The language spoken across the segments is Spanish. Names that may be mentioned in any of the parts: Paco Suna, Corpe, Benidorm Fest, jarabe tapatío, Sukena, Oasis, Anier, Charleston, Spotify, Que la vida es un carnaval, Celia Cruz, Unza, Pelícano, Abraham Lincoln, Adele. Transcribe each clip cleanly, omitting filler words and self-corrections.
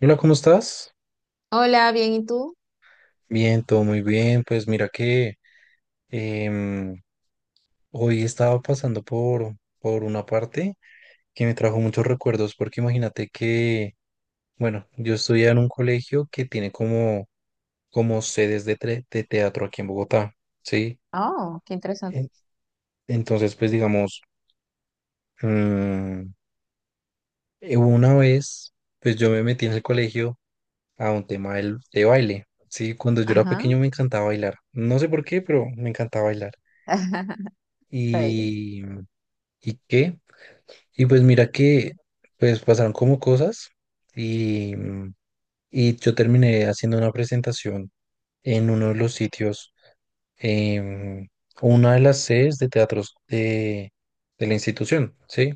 Hola, ¿cómo estás? Hola, bien, ¿y tú? Bien, todo muy bien. Pues mira que em, hoy estaba pasando por una parte que me trajo muchos recuerdos porque imagínate que, bueno, yo estudié en un colegio que tiene como sedes de teatro aquí en Bogotá, ¿sí? Oh, qué interesante. En- Entonces, pues digamos, mm, una vez, pues yo me metí en el colegio a un tema de baile, ¿sí? Cuando yo era Ajá. pequeño me encantaba bailar. No sé por qué, pero me encantaba bailar. Ay, y, y qué. Y pues mira que pues pasaron como cosas y, y yo terminé haciendo una presentación en uno de los sitios, em, una de las sedes de teatros de la institución, ¿sí?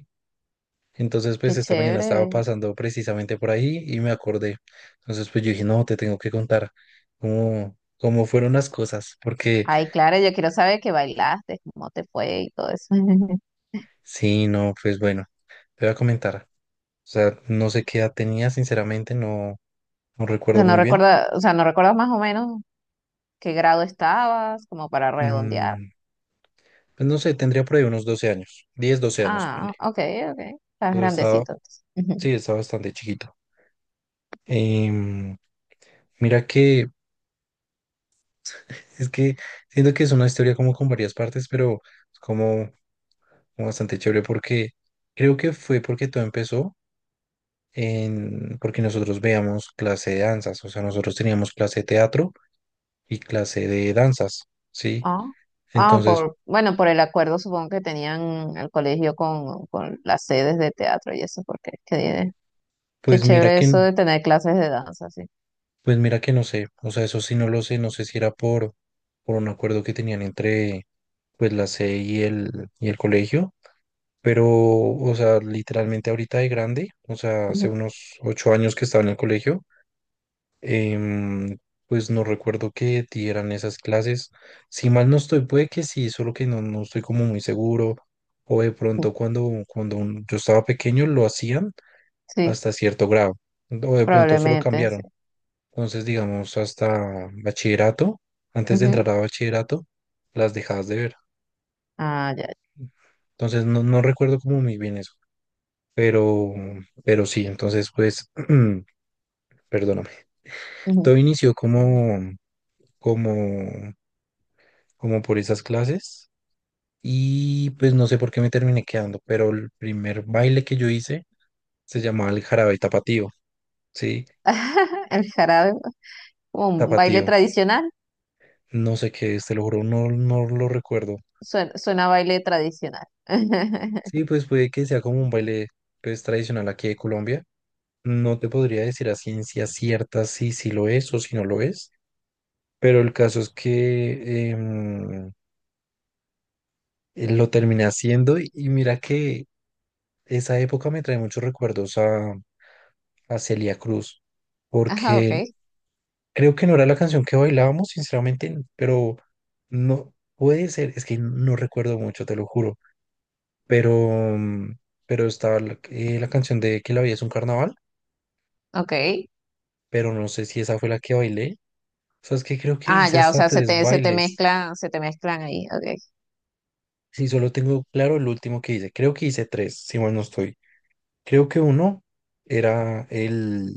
Entonces pues qué esta mañana estaba chévere. pasando precisamente por ahí y me acordé. Entonces pues yo dije, no, te tengo que contar cómo fueron las cosas, porque Ay, claro, yo quiero saber que bailaste, cómo te fue y todo eso. sí, no, pues bueno, te voy a comentar. O sea, no sé qué edad tenía, sinceramente, no, no O sea, recuerdo muy bien. No recuerdas más o menos qué grado estabas, como para redondear. Mm, pues no sé, tendría por ahí unos 12 años, 10, 12 años, ponle. Ah, ok, ok. Estás Entonces estaba, grandecito entonces. Ujú. sí, estaba bastante chiquito. Em, mira que, es que siento que es una historia como con varias partes, pero es como bastante chévere porque creo que fue porque todo empezó en, porque nosotros veíamos clase de danzas, o sea, nosotros teníamos clase de teatro y clase de danzas, ¿sí? Ah, ah, Entonces, por, bueno, por el acuerdo supongo que tenían el colegio con las sedes de teatro y eso, porque qué, qué pues mira chévere que. eso de tener clases de danza, sí. Pues mira que no sé, o sea, eso sí no lo sé, no sé si era por un acuerdo que tenían entre pues la C y el colegio, pero, o sea, literalmente ahorita de grande, o sea, hace Ujú. unos 8 años que estaba en el colegio, em, pues no recuerdo que dieran esas clases, si mal no estoy, puede que sí, solo que no, no estoy como muy seguro, o de pronto cuando yo estaba pequeño lo hacían Sí. hasta cierto grado, o de pronto eso lo Probablemente, sí. cambiaron entonces, digamos, hasta bachillerato, antes de Ujú. entrar a bachillerato, las dejabas de ver. Ah, ya. Entonces, no, no recuerdo como muy bien eso, pero, pero sí, entonces, pues, perdóname. Ujú. Todo inició como, como por esas clases y pues no sé por qué me terminé quedando, pero el primer baile que yo hice se llamaba el jarabe tapatío, ¿sí? El jarabe es como un baile Tapatío. tradicional. No sé qué es, te lo juro, no, no lo recuerdo. Suena, suena a baile tradicional. Sí, pues puede que sea como un baile pues, tradicional aquí de Colombia. No te podría decir a ciencia cierta si lo es o si no lo es, pero el caso es que lo terminé haciendo y mira que esa época me trae muchos recuerdos a Celia Cruz, Ajá, ok, porque creo que no era la canción que bailábamos, sinceramente, pero no puede ser, es que no recuerdo mucho, te lo juro, pero, mm, pero estaba la canción de Que la vida es un carnaval. ok. Pero no sé si esa fue la que bailé. O sea, es que creo que Ah, hice ya, o hasta sea, tres bailes. Se te mezclan ahí, ok. Si solo tengo claro el último que hice. Creo que hice tres, si mal no estoy. Creo que uno era el,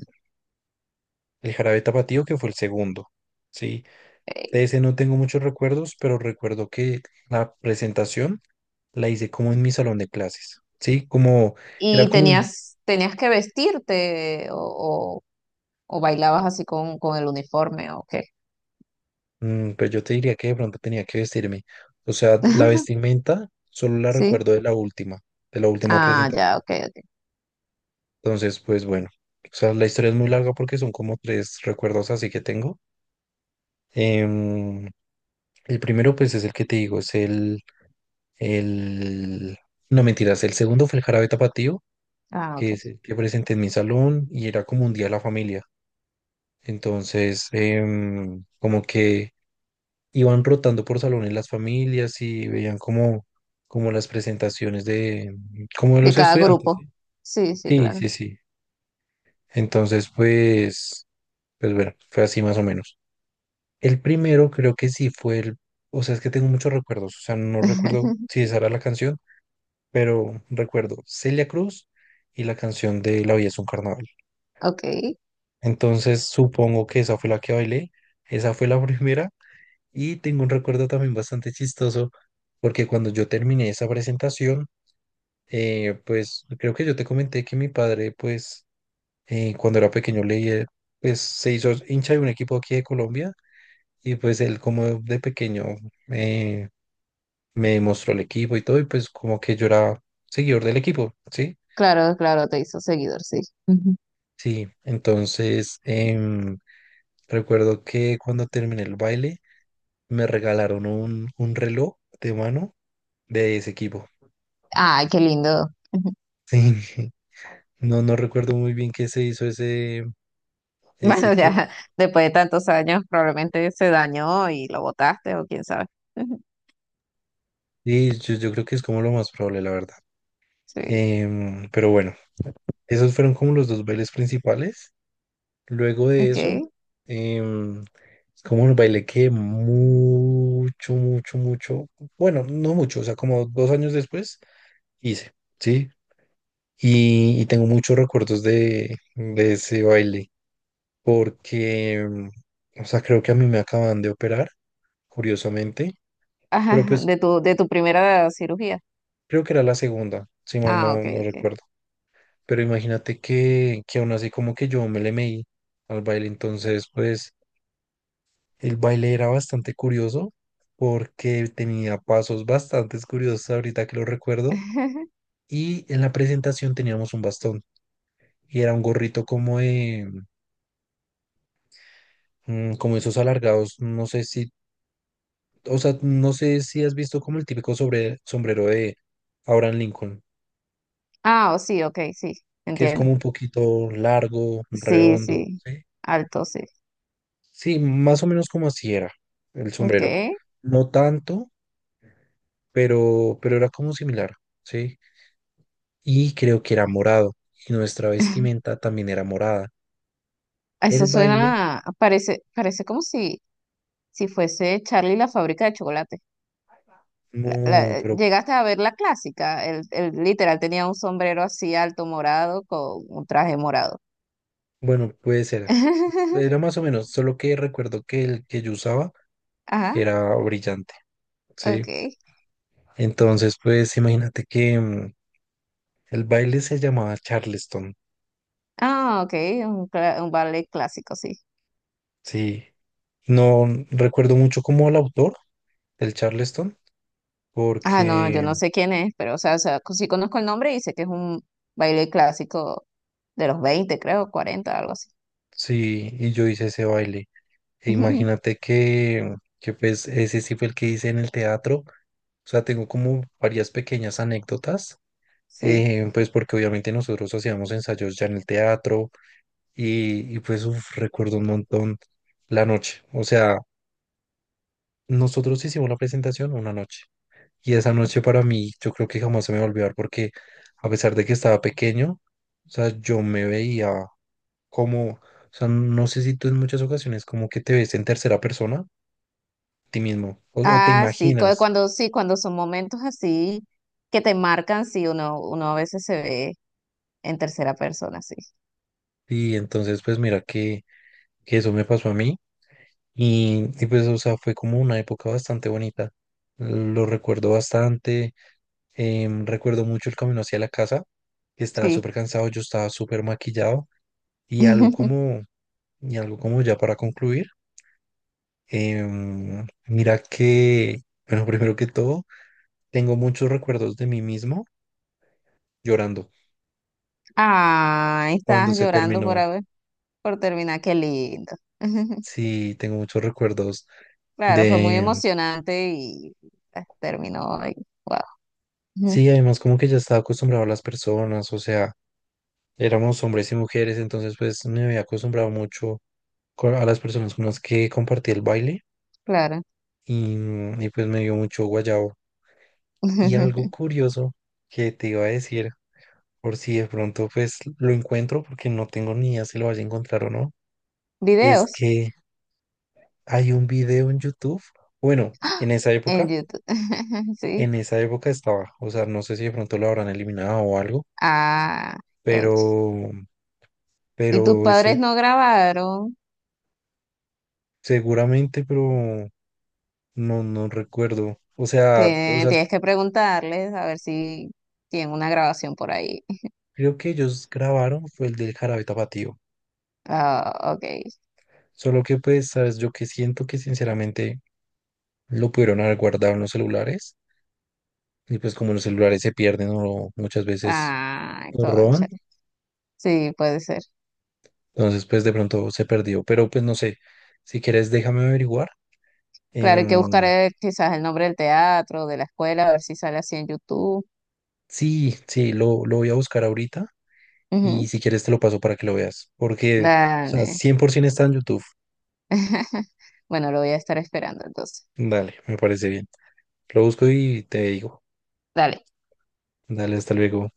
el jarabe tapatío, que fue el segundo. Sí, Ok. de ese no tengo muchos recuerdos, pero recuerdo que la presentación la hice como en mi salón de clases. Sí, como era ¿Y como un, tenías, tenías que vestirte o bailabas así con el uniforme o qué? Pues yo te diría que de pronto tenía que vestirme. O sea, la vestimenta solo la Sí. recuerdo de la última Ah, ya, presentación. ok, ok. Entonces, pues bueno, o sea, la historia es muy larga porque son como tres recuerdos así que tengo. Em, el primero, pues es el que te digo, es el. No mentiras, el segundo fue el jarabe tapatío, Ah, que ok. es el que presenté en mi salón y era como un día de la familia. Entonces, como que iban rotando por salones las familias y veían como las presentaciones como de De los cada estudiantes, grupo. ¿sí? Sí, sí, Sí, claro. sí, sí. Entonces, pues bueno, fue así más o menos. El primero creo que sí fue el, o sea, es que tengo muchos recuerdos, o sea, no recuerdo si esa era la canción, pero recuerdo Celia Cruz y la canción de La vida es un carnaval. Ok. Entonces supongo que esa fue la que bailé, esa fue la primera y tengo un recuerdo también bastante chistoso porque cuando yo terminé esa presentación, pues creo que yo te comenté que mi padre, pues cuando era pequeño leía, pues se hizo hincha de un equipo aquí de Colombia y pues él como de pequeño. eh, Me mostró el equipo y todo, y pues como que yo era seguidor del equipo, ¿sí? Claro, claro, te hizo seguidor, sí. Ujú. Sí, entonces recuerdo que cuando terminé el baile me regalaron un reloj de mano de ese equipo. Ay, qué lindo. Ujú. Sí, no, no recuerdo muy bien qué se hizo ese, Bueno, ese qué. ya después de tantos años probablemente se dañó y lo botaste o quién sabe. Ujú. Sí, yo creo que es como lo más probable, la verdad. Sí. Pero bueno, esos fueron como los dos bailes principales. Luego de Ok. eso, em, es como un baile que mucho, mucho, mucho, bueno, no mucho, o sea, como 2 años después hice, ¿sí? Y tengo muchos recuerdos de ese baile, porque, o sea, creo que a mí me acaban de operar, curiosamente, pero Ajá, pues de tu primera cirugía. creo que era la segunda, si mal Ah, no, ok, no ok. recuerdo. Pero imagínate que aún así como que yo me le meí al baile, entonces pues el baile era bastante curioso porque tenía pasos bastante curiosos ahorita que lo recuerdo. Y en la presentación teníamos un bastón y era un gorrito como de, como esos alargados. No sé si, o sea, no sé si has visto como el típico sombrero de Abraham Lincoln, Ah, oh, sí, ok, sí, que es entiendo. como un poquito largo, Sí, redondo. sí, Sí, alto, sí. sí, más o menos como así era el Ok. sombrero. No tanto, pero era como similar. Sí. Y creo que era morado y nuestra vestimenta también era morada. Eso El baile, suena, parece, parece como si, si fuese Charlie la fábrica de chocolate. La- no, la- pero llegaste a ver la clásica. El literal tenía un sombrero así alto morado con un traje morado. bueno, puede ser. Era más o menos, solo que recuerdo que el que yo usaba Ajá, era brillante, ¿sí? ok. Entonces, pues imagínate que el baile se llamaba Charleston, Ah, ok, un, cla- un ballet clásico, sí. ¿sí? No recuerdo mucho como el autor del Charleston, Ah, no, yo porque no sé quién es, pero o sea, sí conozco el nombre y sé que es un baile clásico de los 20 creo, 40 algo así. sí, y yo hice ese baile. E imagínate que pues ese sí fue el que hice en el teatro. O sea, tengo como varias pequeñas anécdotas, Sí. Pues porque obviamente nosotros hacíamos ensayos ya en el teatro y pues uf, recuerdo un montón la noche. O sea, nosotros hicimos la presentación una noche y esa Ok. noche para mí yo creo que jamás se me va a olvidar porque a pesar de que estaba pequeño, o sea, yo me veía como, o sea, no sé si tú en muchas ocasiones como que te ves en tercera persona ti mismo o te Ah, sí, cu- imaginas. cuando sí, cuando son momentos así que te marcan, sí, uno, uno a veces se ve en tercera persona, sí. Y entonces, pues mira que eso me pasó a mí y, pues, o sea, fue como una época bastante bonita. Lo recuerdo bastante, recuerdo mucho el camino hacia la casa, que estaba Sí. súper cansado, yo estaba súper maquillado y algo como, y algo como ya para concluir, mira que, bueno, primero que todo, tengo muchos recuerdos de mí mismo llorando Ah, cuando estabas se llorando por terminó. haber, por terminar, qué lindo. Sí, tengo muchos recuerdos Claro, fue muy de. emocionante y ah, terminó ahí. Wow. Ujú. Sí, además como que ya estaba acostumbrado a las personas, o sea, éramos hombres y mujeres, entonces pues me había acostumbrado mucho a las personas con las que compartí el baile Claro. y pues me dio mucho guayabo. Y algo curioso que te iba a decir, por si de pronto pues lo encuentro, porque no tengo ni idea si lo vaya a encontrar o no, es Videos que hay un video en YouTube, bueno, en YouTube. Sí. en esa época estaba, o sea, no sé si de pronto lo habrán eliminado o algo, Ah, coche. pero, pero ¿Y tus padres no grabaron? seguramente, pero no, no recuerdo. O sea, o Te- sea, tienes que preguntarles a ver si tienen una grabación por ahí. creo que ellos grabaron fue el del Jarabe Tapatío. Ah, ok. Solo que pues, sabes, yo que siento que sinceramente lo pudieron haber guardado en los celulares. Y pues como los celulares se pierden o muchas veces Ah, los roban, concha. Sí, puede ser. entonces pues de pronto se perdió. Pero pues no sé, si quieres déjame averiguar. Claro, hay que buscar Em, quizás el nombre del teatro, de la escuela, a ver si sale así en YouTube. sí, sí, lo voy a buscar ahorita y Ujú. si quieres te lo paso para que lo veas. Porque, o sea, Dale. 100% está en YouTube. Bueno, lo voy a estar esperando entonces. Dale, me parece bien. Lo busco y te digo. Dale. Dale, hasta luego.